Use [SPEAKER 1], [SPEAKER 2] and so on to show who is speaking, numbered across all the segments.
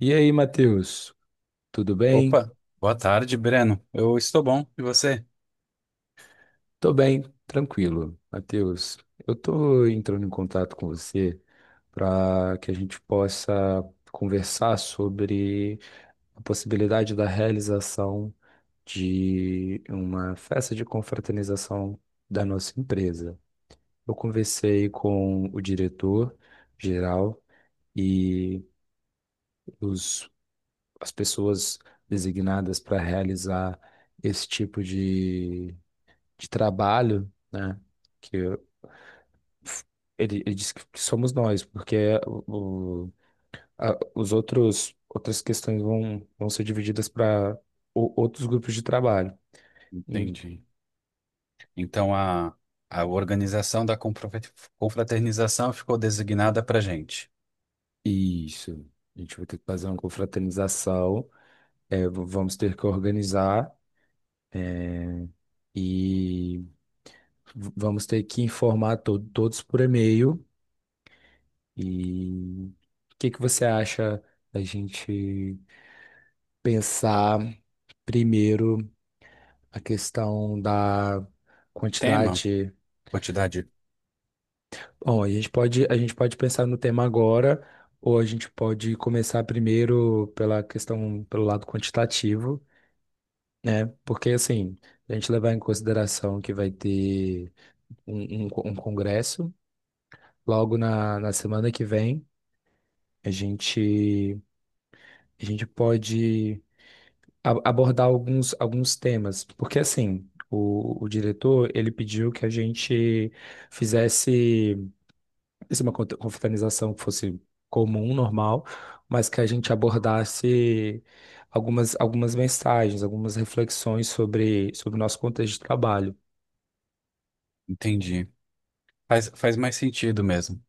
[SPEAKER 1] E aí, Matheus, tudo bem?
[SPEAKER 2] Opa, boa tarde, Breno. Eu estou bom, e você?
[SPEAKER 1] Tô bem, tranquilo. Matheus, eu tô entrando em contato com você para que a gente possa conversar sobre a possibilidade da realização de uma festa de confraternização da nossa empresa. Eu conversei com o diretor geral e os, as pessoas designadas para realizar esse tipo de trabalho, né? Que eu- ele disse que somos nós, porque o- a- os outros outras questões vão ser divididas para outros grupos de trabalho. E-
[SPEAKER 2] Entendi. Então a organização da confraternização ficou designada para gente.
[SPEAKER 1] Isso. A gente vai ter que fazer uma confraternização, é, vamos ter que organizar e vamos ter que informar todos por e-mail. E o que que você acha da gente pensar primeiro a questão da
[SPEAKER 2] Tema,
[SPEAKER 1] quantidade?
[SPEAKER 2] quantidade,
[SPEAKER 1] Bom, a gente pode pensar no tema agora, ou a gente pode começar primeiro pela questão, pelo lado quantitativo, né? Porque, assim, a gente levar em consideração que vai ter um congresso logo na semana que vem, a gente, a gente pode abordar alguns temas, porque, assim, o diretor, ele pediu que a gente fizesse. Isso é uma confraternização que fosse comum, normal, mas que a gente abordasse algumas mensagens, algumas reflexões sobre o nosso contexto de trabalho.
[SPEAKER 2] entendi. Faz mais sentido mesmo.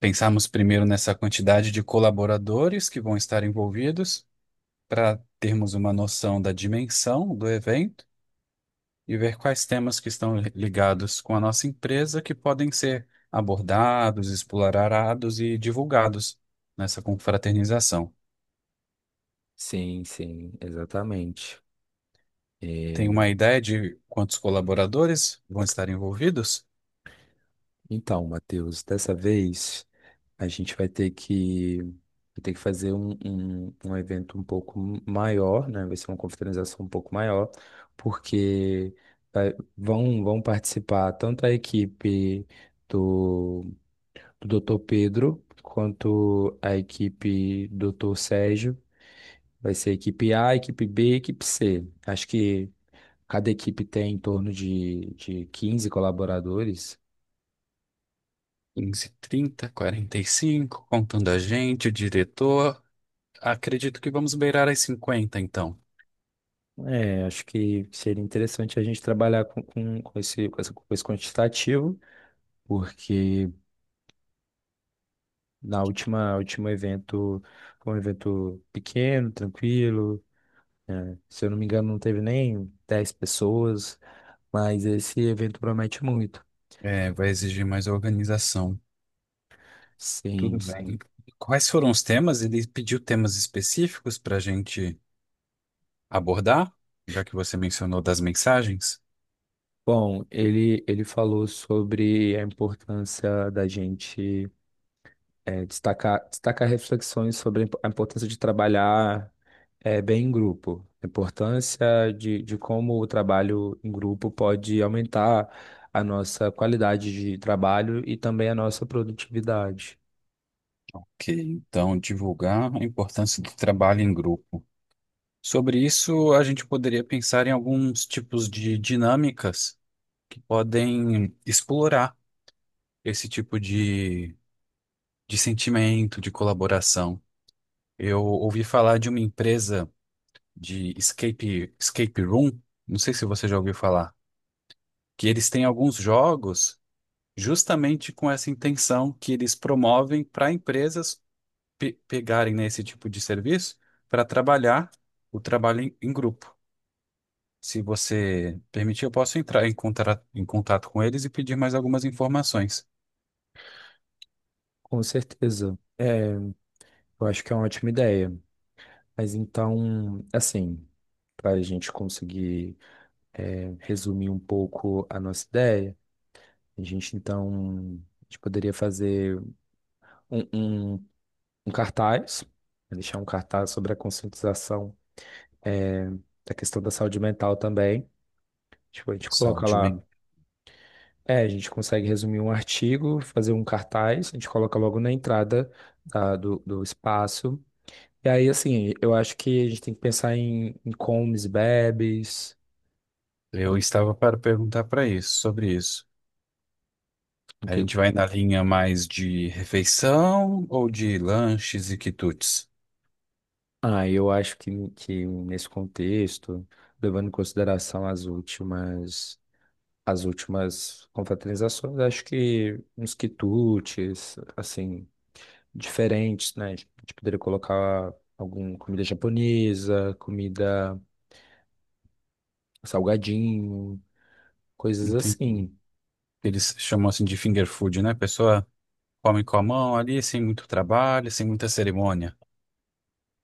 [SPEAKER 2] Pensamos primeiro nessa quantidade de colaboradores que vão estar envolvidos para termos uma noção da dimensão do evento. E ver quais temas que estão ligados com a nossa empresa que podem ser abordados, explorados e divulgados nessa confraternização.
[SPEAKER 1] Sim, sim, exatamente. É,
[SPEAKER 2] Tem uma ideia de quantos colaboradores vão estar envolvidos?
[SPEAKER 1] então, Matheus, dessa vez a gente vai ter que fazer um evento um pouco maior, né? Vai ser uma confraternização um pouco maior, porque vão participar tanto a equipe do do Dr. Pedro, quanto a equipe do Dr. Sérgio. Vai ser equipe A, equipe B, equipe C. Acho que cada equipe tem em torno de 15 colaboradores.
[SPEAKER 2] 15, 30, 45, contando a gente, o diretor. Acredito que vamos beirar as 50, então.
[SPEAKER 1] É, acho que seria interessante a gente trabalhar com esse, com esse quantitativo, porque na última, último evento, foi um evento pequeno, tranquilo, né? Se eu não me engano, não teve nem 10 pessoas, mas esse evento promete muito.
[SPEAKER 2] É, vai exigir mais organização. Tudo
[SPEAKER 1] Sim, sim.
[SPEAKER 2] bem. Quais foram os temas? Ele pediu temas específicos para a gente abordar, já que você mencionou das mensagens.
[SPEAKER 1] Bom, ele falou sobre a importância da gente destacar reflexões sobre a importância de trabalhar bem em grupo, a importância de como o trabalho em grupo pode aumentar a nossa qualidade de trabalho e também a nossa produtividade.
[SPEAKER 2] Ok, então divulgar a importância do trabalho em grupo. Sobre isso, a gente poderia pensar em alguns tipos de dinâmicas que podem explorar esse tipo de sentimento de colaboração. Eu ouvi falar de uma empresa escape room, não sei se você já ouviu falar, que eles têm alguns jogos justamente com essa intenção que eles promovem para empresas pegarem, né, esse tipo de serviço para trabalhar o trabalho em grupo. Se você permitir, eu posso entrar em contato com eles e pedir mais algumas informações.
[SPEAKER 1] Com certeza. É, eu acho que é uma ótima ideia. Mas então, assim, para a gente conseguir resumir um pouco a nossa ideia. A gente, então, a gente poderia fazer um, um, um cartaz, né, deixar um cartaz sobre a conscientização é, da questão da saúde mental também. Tipo, a gente coloca
[SPEAKER 2] Saúde
[SPEAKER 1] lá,
[SPEAKER 2] mental.
[SPEAKER 1] a gente consegue resumir um artigo, fazer um cartaz, a gente coloca logo na entrada do espaço. E aí, assim, eu acho que a gente tem que pensar em comes, bebes.
[SPEAKER 2] Eu estava para perguntar para isso, sobre isso.
[SPEAKER 1] o
[SPEAKER 2] A
[SPEAKER 1] que-
[SPEAKER 2] gente vai na linha mais de refeição ou de lanches e quitutes?
[SPEAKER 1] Ah, eu acho que nesse contexto, levando em consideração as últimas confraternizações, acho que uns quitutes, assim, diferentes, né? A gente poderia colocar alguma comida japonesa, comida salgadinho, coisas
[SPEAKER 2] Entendi.
[SPEAKER 1] assim.
[SPEAKER 2] Eles chamam assim de finger food, né? A pessoa come com a mão ali, sem muito trabalho, sem muita cerimônia.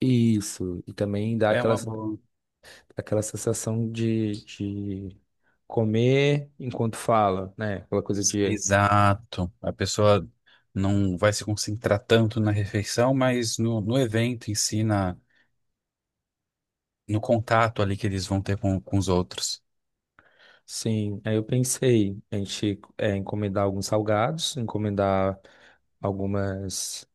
[SPEAKER 1] Isso, e também dá
[SPEAKER 2] É
[SPEAKER 1] aquela,
[SPEAKER 2] uma boa.
[SPEAKER 1] aquela sensação de comer enquanto fala, né? Aquela coisa de,
[SPEAKER 2] Exato. A pessoa não vai se concentrar tanto na refeição, mas no evento em si, na, no contato ali que eles vão ter com os outros.
[SPEAKER 1] sim. Aí eu pensei, a gente encomendar alguns salgados, encomendar algumas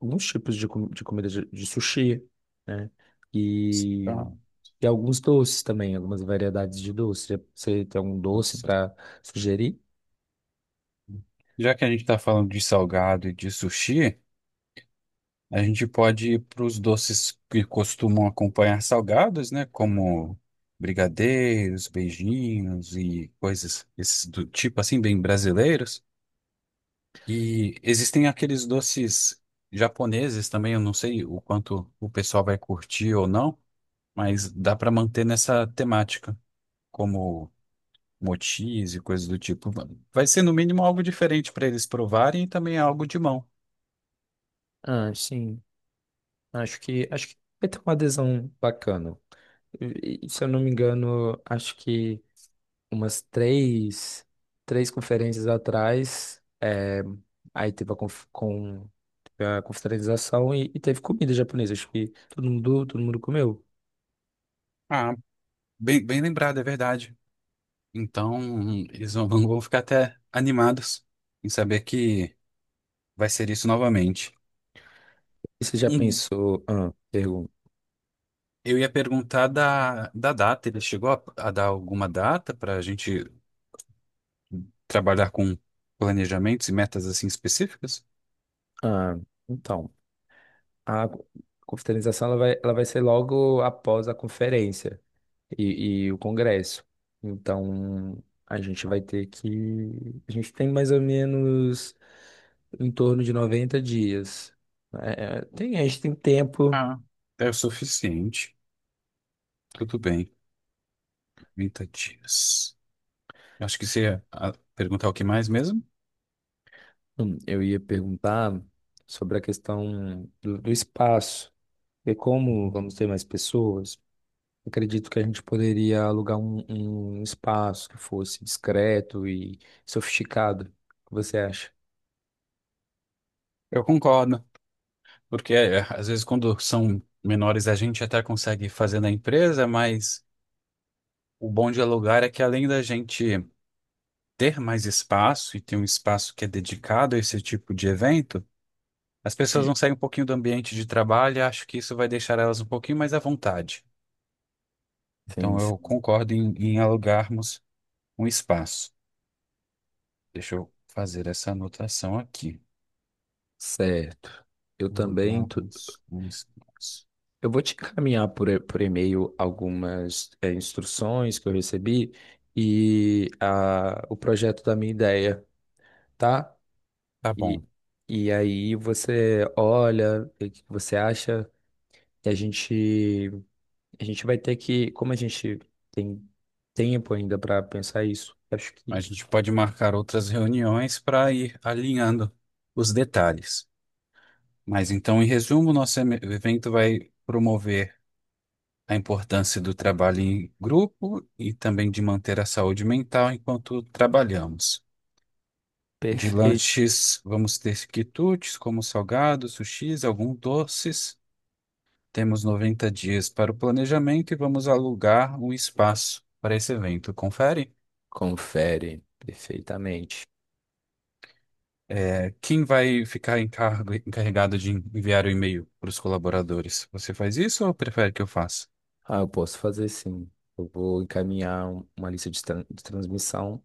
[SPEAKER 1] alguns tipos de comida de sushi, né? E,
[SPEAKER 2] Ah,
[SPEAKER 1] e alguns doces também, algumas variedades de doce. Você tem algum doce
[SPEAKER 2] nossa.
[SPEAKER 1] para sugerir?
[SPEAKER 2] Já que a gente está falando de salgado e de sushi, a gente pode ir para os doces que costumam acompanhar salgados, né? Como brigadeiros, beijinhos e coisas esses do tipo assim, bem brasileiros. E existem aqueles doces japoneses também, eu não sei o quanto o pessoal vai curtir ou não, mas dá para manter nessa temática, como mochis e coisas do tipo. Vai ser no mínimo algo diferente para eles provarem e também algo de mão.
[SPEAKER 1] Ah, sim. Acho que vai ter uma adesão bacana. Se eu não me engano, acho que umas três conferências atrás, é, aí teve a, conf, com, teve a confraternização e teve comida japonesa. Acho que todo mundo comeu.
[SPEAKER 2] Ah, bem lembrado, é verdade. Então, eles vão, vão ficar até animados em saber que vai ser isso novamente.
[SPEAKER 1] E você já
[SPEAKER 2] Hum,
[SPEAKER 1] pensou? Ah, pergunta.
[SPEAKER 2] Eu ia perguntar da data. Ele chegou a dar alguma data para a gente trabalhar com planejamentos e metas assim específicas?
[SPEAKER 1] Ah, então, a confraternização ela vai ser logo após a conferência e o Congresso. Então, a gente vai ter que. A gente tem mais ou menos em torno de 90 dias. A gente tem tempo.
[SPEAKER 2] Ah, é o suficiente. Tudo bem. 30 dias. Eu acho que você ia perguntar o que mais mesmo?
[SPEAKER 1] Eu ia perguntar sobre a questão do espaço. E como vamos ter mais pessoas, acredito que a gente poderia alugar um espaço que fosse discreto e sofisticado. O que você acha?
[SPEAKER 2] Eu concordo, porque é, às vezes quando são menores a gente até consegue fazer na empresa, mas o bom de alugar é que além da gente ter mais espaço e ter um espaço que é dedicado a esse tipo de evento, as pessoas vão sair um pouquinho do ambiente de trabalho e acho que isso vai deixar elas um pouquinho mais à vontade.
[SPEAKER 1] Sim,
[SPEAKER 2] Então, eu
[SPEAKER 1] sim.
[SPEAKER 2] concordo em alugarmos um espaço. Deixa eu fazer essa anotação aqui.
[SPEAKER 1] Certo. Eu também.
[SPEAKER 2] Alugarmos um espaço.
[SPEAKER 1] Eu vou te encaminhar por e-mail algumas instruções que eu recebi e o projeto da minha ideia, tá?
[SPEAKER 2] Tá bom.
[SPEAKER 1] E, e aí você olha, vê o que você acha? E a gente vai ter que, como a gente tem tempo ainda para pensar isso, acho que.
[SPEAKER 2] A gente pode marcar outras reuniões para ir alinhando os detalhes. Mas então, em resumo, nosso evento vai promover a importância do trabalho em grupo e também de manter a saúde mental enquanto trabalhamos. De
[SPEAKER 1] Perfeito.
[SPEAKER 2] lanches, vamos ter quitutes, como salgados, sushis, alguns doces. Temos 90 dias para o planejamento e vamos alugar um espaço para esse evento. Confere?
[SPEAKER 1] Confere perfeitamente.
[SPEAKER 2] É, quem vai ficar encarregado de enviar o e-mail para os colaboradores? Você faz isso ou prefere que eu faça?
[SPEAKER 1] Ah, eu posso fazer sim. Eu vou encaminhar uma lista de, de transmissão.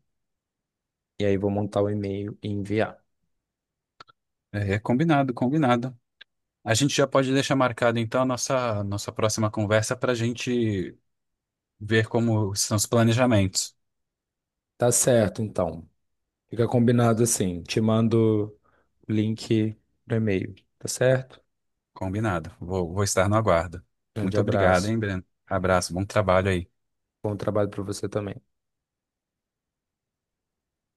[SPEAKER 1] E aí vou montar o e-mail e enviar.
[SPEAKER 2] É, combinado. A gente já pode deixar marcado então a nossa próxima conversa para a gente ver como são os planejamentos.
[SPEAKER 1] Tá certo, então. Fica combinado assim. Te mando o link no e-mail, tá certo?
[SPEAKER 2] Combinado. Vou estar no aguardo.
[SPEAKER 1] Grande
[SPEAKER 2] Muito obrigado,
[SPEAKER 1] abraço.
[SPEAKER 2] hein, Breno? Abraço, bom trabalho aí.
[SPEAKER 1] Bom trabalho para você também.